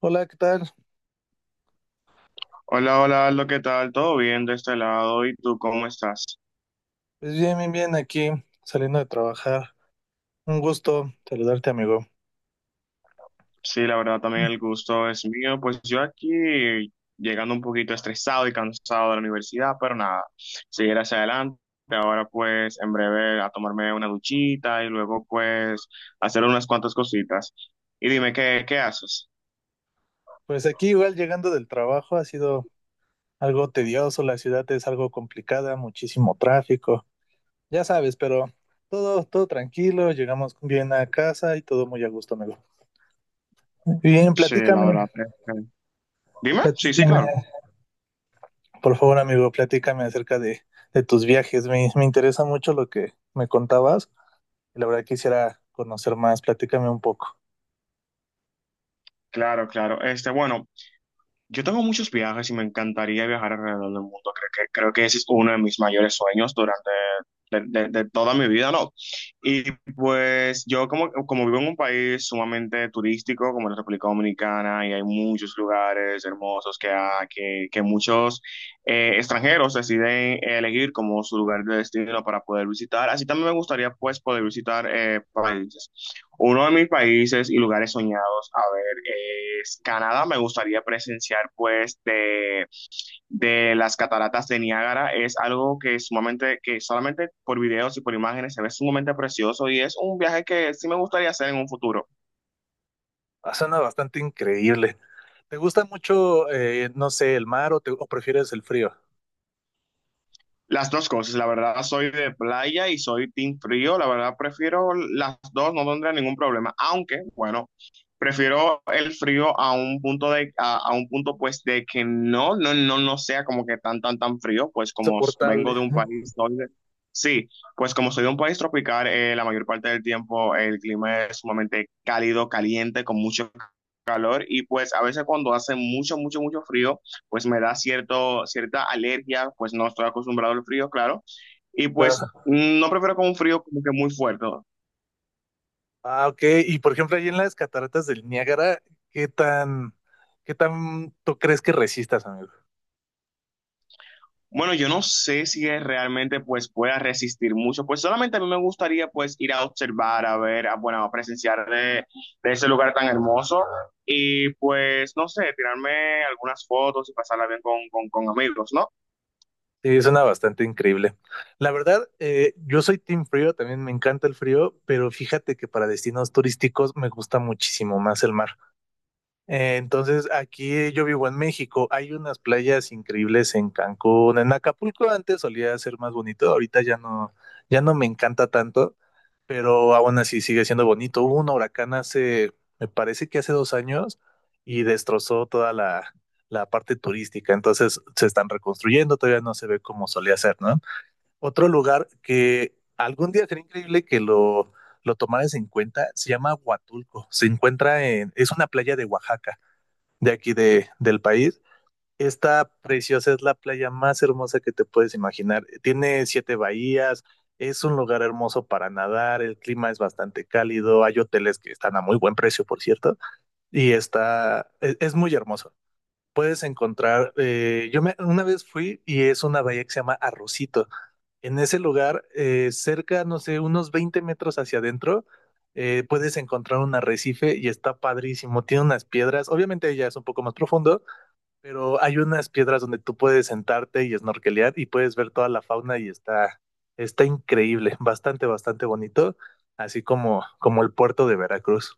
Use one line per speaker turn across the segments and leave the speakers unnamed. Hola, ¿qué tal?
Hola, hola, Aldo, ¿qué tal? ¿Todo bien de este lado? ¿Y tú cómo estás?
Pues bien, bien, bien, aquí saliendo de trabajar. Un gusto saludarte, amigo.
Sí, la verdad también el gusto es mío. Pues yo aquí llegando un poquito estresado y cansado de la universidad, pero nada, seguir hacia adelante. Ahora pues en breve a tomarme una duchita y luego pues hacer unas cuantas cositas. Y dime, ¿qué haces?
Pues aquí igual llegando del trabajo ha sido algo tedioso, la ciudad es algo complicada, muchísimo tráfico, ya sabes, pero todo, todo tranquilo, llegamos bien a casa y todo muy a gusto, amigo. Bien,
Sí, la verdad.
platícame,
Dime, sí, sí, claro.
platícame, por favor, amigo, platícame acerca de tus viajes. Me interesa mucho lo que me contabas y la verdad quisiera conocer más, platícame un poco.
Claro, claro. Bueno, yo tengo muchos viajes y me encantaría viajar alrededor del mundo. Creo que ese es uno de mis mayores sueños durante de toda mi vida, ¿no? Y pues yo como vivo en un país sumamente turístico como la República Dominicana, y hay muchos lugares hermosos que muchos extranjeros deciden elegir como su lugar de destino para poder visitar. Así también me gustaría pues poder visitar países. Uno de mis países y lugares soñados, a ver, es Canadá. Me gustaría presenciar, pues, de las cataratas de Niágara. Es algo que es sumamente, que solamente por videos y por imágenes se ve sumamente precioso, y es un viaje que sí me gustaría hacer en un futuro.
Suena bastante increíble. ¿Te gusta mucho, no sé, el mar o o prefieres el frío?
Las dos cosas, la verdad soy de playa y soy team frío, la verdad prefiero las dos, no tendré ningún problema, aunque bueno, prefiero el frío a un punto de a un punto pues de que no sea como que tan frío, pues como vengo
Soportable.
de un país donde sí, pues como soy de un país tropical, la mayor parte del tiempo el clima es sumamente cálido, caliente, con mucho calor. Y pues a veces cuando hace mucho frío, pues me da cierta alergia, pues no estoy acostumbrado al frío, claro, y pues
Ah,
no prefiero con un frío como que muy fuerte.
Ok. Y por ejemplo, ahí en las cataratas del Niágara, ¿qué tan, qué tan tú crees que resistas, amigo?
Bueno, yo no sé si es realmente pues pueda resistir mucho, pues solamente a mí me gustaría pues ir a observar, a ver, a, bueno, a presenciar de ese lugar tan hermoso, y pues no sé, tirarme algunas fotos y pasarla bien con, con amigos, ¿no?
Sí, suena bastante increíble. La verdad, yo soy team frío, también me encanta el frío, pero fíjate que para destinos turísticos me gusta muchísimo más el mar. Entonces, aquí yo vivo en México, hay unas playas increíbles en Cancún. En Acapulco antes solía ser más bonito, ahorita ya no, ya no me encanta tanto, pero aún así sigue siendo bonito. Hubo un huracán hace, me parece que hace 2 años, y destrozó toda la parte turística, entonces se están reconstruyendo, todavía no se ve como solía ser, ¿no? Otro lugar que algún día sería increíble que lo tomaras en cuenta, se llama Huatulco, se encuentra en, es una playa de Oaxaca de aquí de, del país. Está preciosa, es la playa más hermosa que te puedes imaginar. Tiene siete bahías, es un lugar hermoso para nadar, el clima es bastante cálido, hay hoteles que están a muy buen precio, por cierto, y está, es muy hermoso. Puedes encontrar, yo me, una vez fui y es una bahía que se llama Arrocito. En ese lugar, cerca, no sé, unos 20 metros hacia adentro, puedes encontrar un arrecife y está padrísimo. Tiene unas piedras, obviamente ya es un poco más profundo, pero hay unas piedras donde tú puedes sentarte y snorkelear y puedes ver toda la fauna y está, está increíble, bastante, bastante bonito, así como, como el puerto de Veracruz.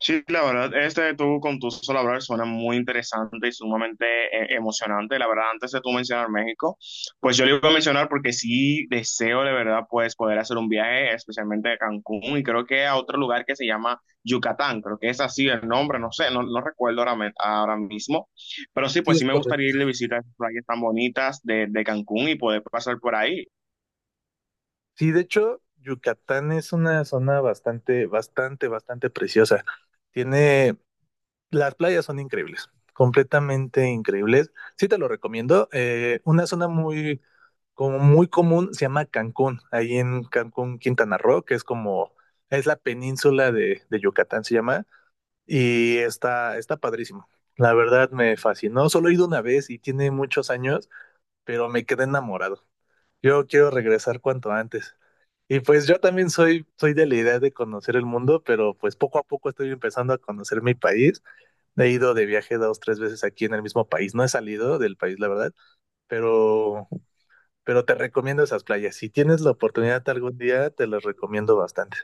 Sí, la verdad, este de tú con tu solo hablar suena muy interesante y sumamente emocionante. La verdad, antes de tú mencionar México, pues yo le iba a mencionar porque sí deseo de verdad pues poder hacer un viaje, especialmente a Cancún, y creo que a otro lugar que se llama Yucatán. Creo que es así el nombre, no sé, no, no recuerdo ahora, ahora mismo. Pero sí,
Sí,
pues
es
sí me gustaría
correcto.
ir de visita a esas playas tan bonitas de Cancún y poder pasar por ahí.
Sí, de hecho, Yucatán es una zona bastante, bastante, bastante preciosa. Tiene. Las playas son increíbles, completamente increíbles. Sí te lo recomiendo. Una zona muy, como muy común se llama Cancún, ahí en Cancún, Quintana Roo, que es como, es la península de Yucatán, se llama, y está, está padrísimo. La verdad me fascinó. Solo he ido una vez y tiene muchos años, pero me quedé enamorado. Yo quiero regresar cuanto antes. Y pues yo también soy, soy de la idea de conocer el mundo, pero pues poco a poco estoy empezando a conocer mi país. He ido de viaje dos, tres veces aquí en el mismo país. No he salido del país, la verdad, pero, pero te recomiendo esas playas. Si tienes la oportunidad algún día, te las recomiendo bastante.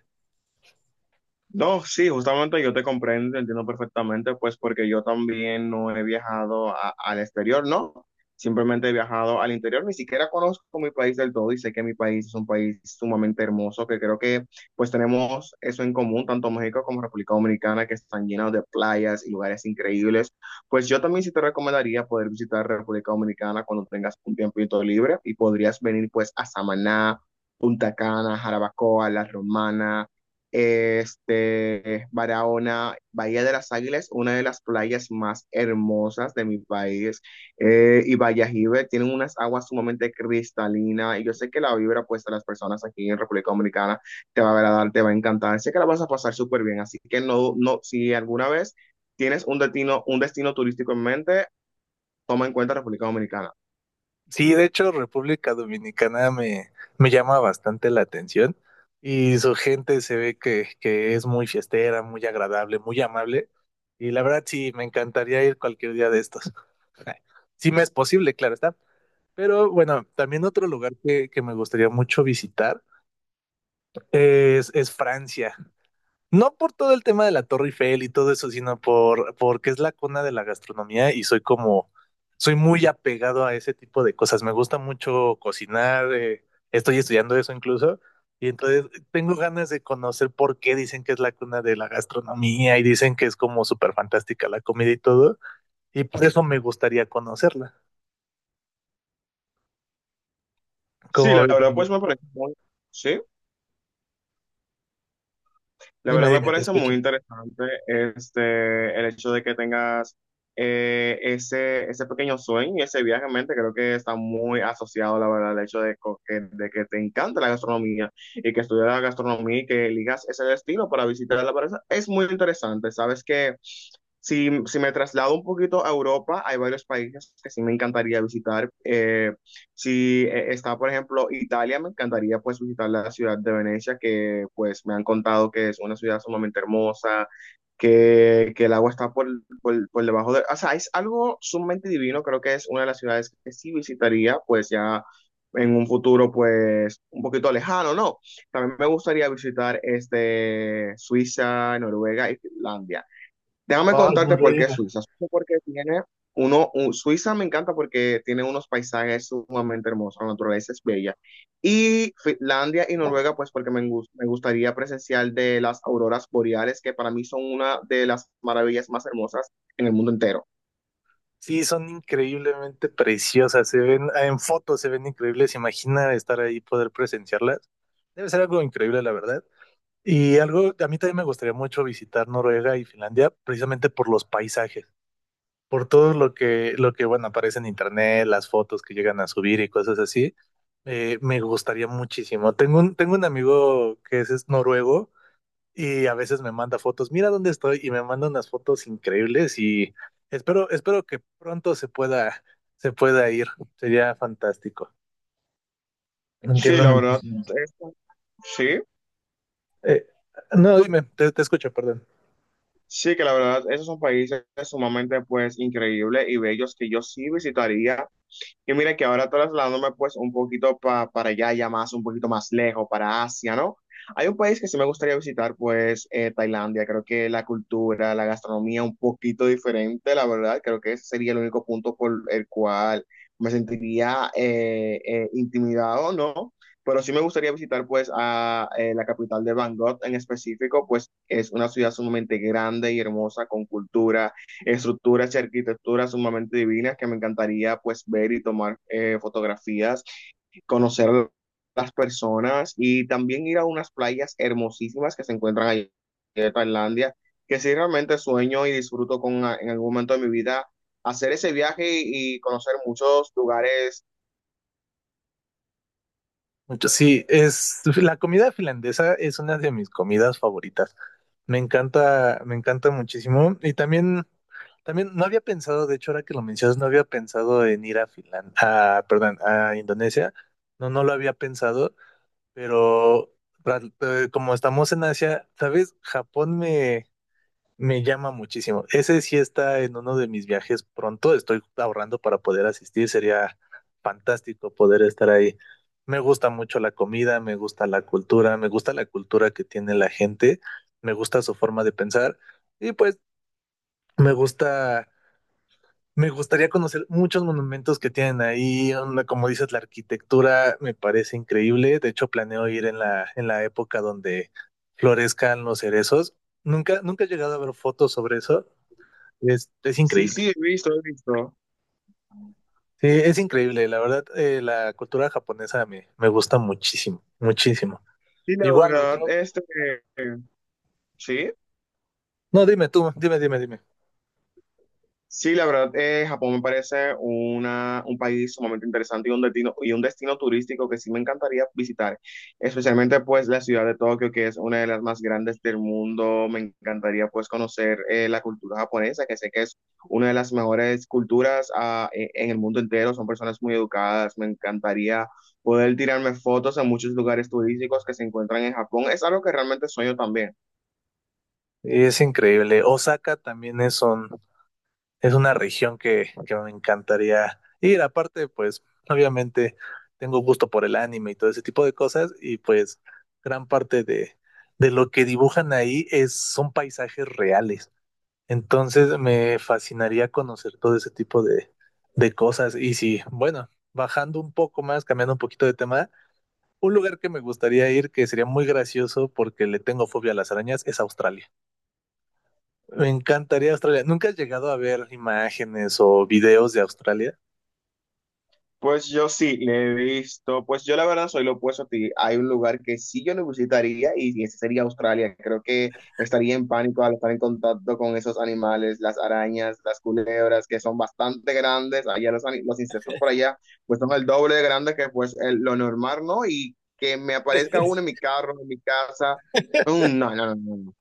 No, sí, justamente yo te comprendo, entiendo perfectamente, pues porque yo también no he viajado al exterior, ¿no? Simplemente he viajado al interior, ni siquiera conozco mi país del todo, y sé que mi país es un país sumamente hermoso, que creo que pues tenemos eso en común, tanto México como República Dominicana, que están llenos de playas y lugares increíbles. Pues yo también sí te recomendaría poder visitar República Dominicana cuando tengas un tiempito libre, y podrías venir pues a Samaná, Punta Cana, Jarabacoa, La Romana. Barahona, Bahía de las Águilas, una de las playas más hermosas de mi país, y Vallajive, tienen unas aguas sumamente cristalinas, y yo sé que la vibra puesta a las personas aquí en República Dominicana te va a agradar, te va a encantar, sé que la vas a pasar súper bien, así que no, no, si alguna vez tienes un destino turístico en mente, toma en cuenta República Dominicana.
Sí, de hecho, República Dominicana me llama bastante la atención y su gente se ve que es muy fiestera, muy agradable, muy amable. Y la verdad, sí, me encantaría ir cualquier día de estos. Sí, me es posible, claro está. Pero bueno, también otro lugar que me gustaría mucho visitar es Francia. No por todo el tema de la Torre Eiffel y todo eso, sino por porque es la cuna de la gastronomía y soy como, soy muy apegado a ese tipo de cosas. Me gusta mucho cocinar, estoy estudiando eso incluso, y entonces tengo ganas de conocer por qué dicen que es la cuna de la gastronomía y dicen que es como súper fantástica la comida y todo, y por eso me gustaría conocerla.
Sí,
Como,
la
ves,
verdad, pues me parece muy, sí. La
dime,
verdad me
dime, te
parece
escucho.
muy interesante el hecho de que tengas ese, ese pequeño sueño y ese viaje en mente. Creo que está muy asociado, la verdad, el hecho de, de que te encanta la gastronomía y que estudias la gastronomía y que elijas ese destino para visitar la pareja. Es muy interesante. Sabes que si, si me traslado un poquito a Europa, hay varios países que sí me encantaría visitar. Si está, por ejemplo, Italia, me encantaría pues visitar la ciudad de Venecia, que pues me han contado que es una ciudad sumamente hermosa, que el agua está por, por debajo de... O sea, es algo sumamente divino, creo que es una de las ciudades que sí visitaría, pues ya en un futuro pues un poquito lejano, ¿no? También me gustaría visitar Suiza, Noruega y Finlandia. Déjame
Ay,
contarte por qué
Noruega.
Suiza. Suiza porque tiene Suiza me encanta porque tiene unos paisajes sumamente hermosos, la naturaleza es bella. Y Finlandia y Noruega, pues porque me, me gustaría presenciar de las auroras boreales, que para mí son una de las maravillas más hermosas en el mundo entero.
Sí, son increíblemente preciosas, se ven ah, en fotos, se ven increíbles. Imagina estar ahí, poder presenciarlas. Debe ser algo increíble, la verdad. Y algo, a mí también me gustaría mucho visitar Noruega y Finlandia, precisamente por los paisajes, por todo lo que, bueno, aparece en internet, las fotos que llegan a subir y cosas así. Me gustaría muchísimo. Tengo un amigo que es noruego y a veces me manda fotos, mira dónde estoy, y me manda unas fotos increíbles y espero, espero que pronto se pueda ir, sería fantástico.
Sí,
Entiendo
la verdad,
muchísimo.
es- sí,
Eh, no, dime, te escucho, perdón.
sí que la verdad, esos son países sumamente pues increíbles y bellos que yo sí visitaría. Y mira que ahora trasladándome pues un poquito para allá, ya más, un poquito más lejos, para Asia, ¿no? Hay un país que sí me gustaría visitar, pues Tailandia. Creo que la cultura, la gastronomía un poquito diferente, la verdad. Creo que ese sería el único punto por el cual me sentiría intimidado, ¿no? Pero sí me gustaría visitar pues a la capital de Bangkok en específico, pues es una ciudad sumamente grande y hermosa, con cultura, estructuras y arquitecturas sumamente divinas que me encantaría pues ver y tomar fotografías, conocer las personas, y también ir a unas playas hermosísimas que se encuentran allí en Tailandia, que sí realmente sueño y disfruto con en algún momento de mi vida hacer ese viaje y conocer muchos lugares.
Mucho, sí, es la comida finlandesa es una de mis comidas favoritas. Me encanta muchísimo. Y también, también no había pensado, de hecho, ahora que lo mencionas, no había pensado en ir a Finlandia, perdón, a Indonesia. No, no lo había pensado. Pero como estamos en Asia, ¿sabes? Japón me llama muchísimo. Ese sí está en uno de mis viajes pronto. Estoy ahorrando para poder asistir. Sería fantástico poder estar ahí. Me gusta mucho la comida, me gusta la cultura, me gusta la cultura que tiene la gente, me gusta su forma de pensar y pues me gusta, me gustaría conocer muchos monumentos que tienen ahí, una- como dices, la arquitectura me parece increíble. De hecho, planeo ir en en la época donde florezcan los cerezos. Nunca, nunca he llegado a ver fotos sobre eso. Es
Sí,
increíble.
sí, he visto, he visto.
Sí, es increíble. La verdad, la cultura japonesa me gusta muchísimo, muchísimo.
Sí, la
Igual
verdad,
otro.
sí.
No, dime tú, dime, dime, dime.
Sí, la verdad, Japón me parece un país sumamente interesante y un destino turístico que sí me encantaría visitar, especialmente pues la ciudad de Tokio, que es una de las más grandes del mundo. Me encantaría pues conocer la cultura japonesa, que sé que es una de las mejores culturas en el mundo entero. Son personas muy educadas. Me encantaría poder tirarme fotos en muchos lugares turísticos que se encuentran en Japón. Es algo que realmente sueño también.
Es increíble. Osaka también es un, es una región que me encantaría ir. Aparte, pues obviamente tengo gusto por el anime y todo ese tipo de cosas y pues gran parte de lo que dibujan ahí es, son paisajes reales. Entonces me fascinaría conocer todo ese tipo de cosas. Y si, bueno, bajando un poco más, cambiando un poquito de tema, un lugar que me gustaría ir que sería muy gracioso porque le tengo fobia a las arañas es Australia. Me encantaría Australia. ¿Nunca has llegado a ver imágenes o videos de Australia?
Pues yo sí, le he visto, pues yo la verdad soy lo opuesto a ti. Hay un lugar que sí yo lo visitaría y ese sería Australia. Creo que estaría en pánico al estar en contacto con esos animales, las arañas, las culebras, que son bastante grandes. Allá los, los insectos por allá, pues son el doble de grandes que pues lo normal, ¿no? Y que me aparezca uno en mi carro, en mi casa. No, no, no, no.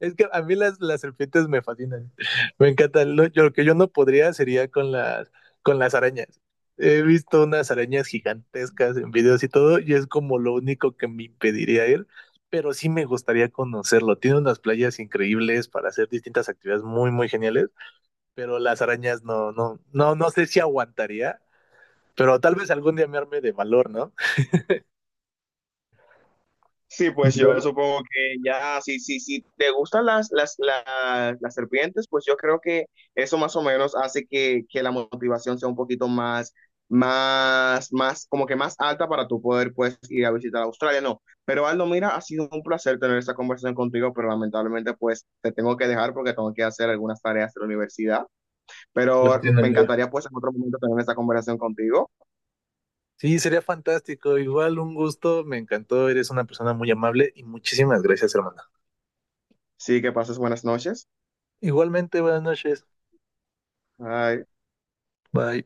Es que a mí las serpientes me fascinan. Me encantan. Lo que yo no podría sería con con las arañas. He visto unas arañas gigantescas en videos y todo, y es como lo único que me impediría ir, pero sí me gustaría conocerlo. Tiene unas playas increíbles para hacer distintas actividades muy, muy geniales, pero las arañas no, no, no, no sé si aguantaría, pero tal vez algún día me arme de valor, ¿no?
Sí, pues yo supongo que ya, si, si te gustan las serpientes, pues yo creo que eso más o menos hace que la motivación sea un poquito más, más, como que más alta para tú poder pues ir a visitar Australia, no. Pero Aldo, mira, ha sido un placer tener esta conversación contigo, pero lamentablemente pues te tengo que dejar porque tengo que hacer algunas tareas de la universidad,
Lo
pero
entiendo,
me
amigo.
encantaría pues en otro momento tener esta conversación contigo.
Sí, sería fantástico. Igual un gusto, me encantó. Eres una persona muy amable y muchísimas gracias, hermana.
Sí, que pases buenas noches.
Igualmente, buenas noches.
Bye.
Bye.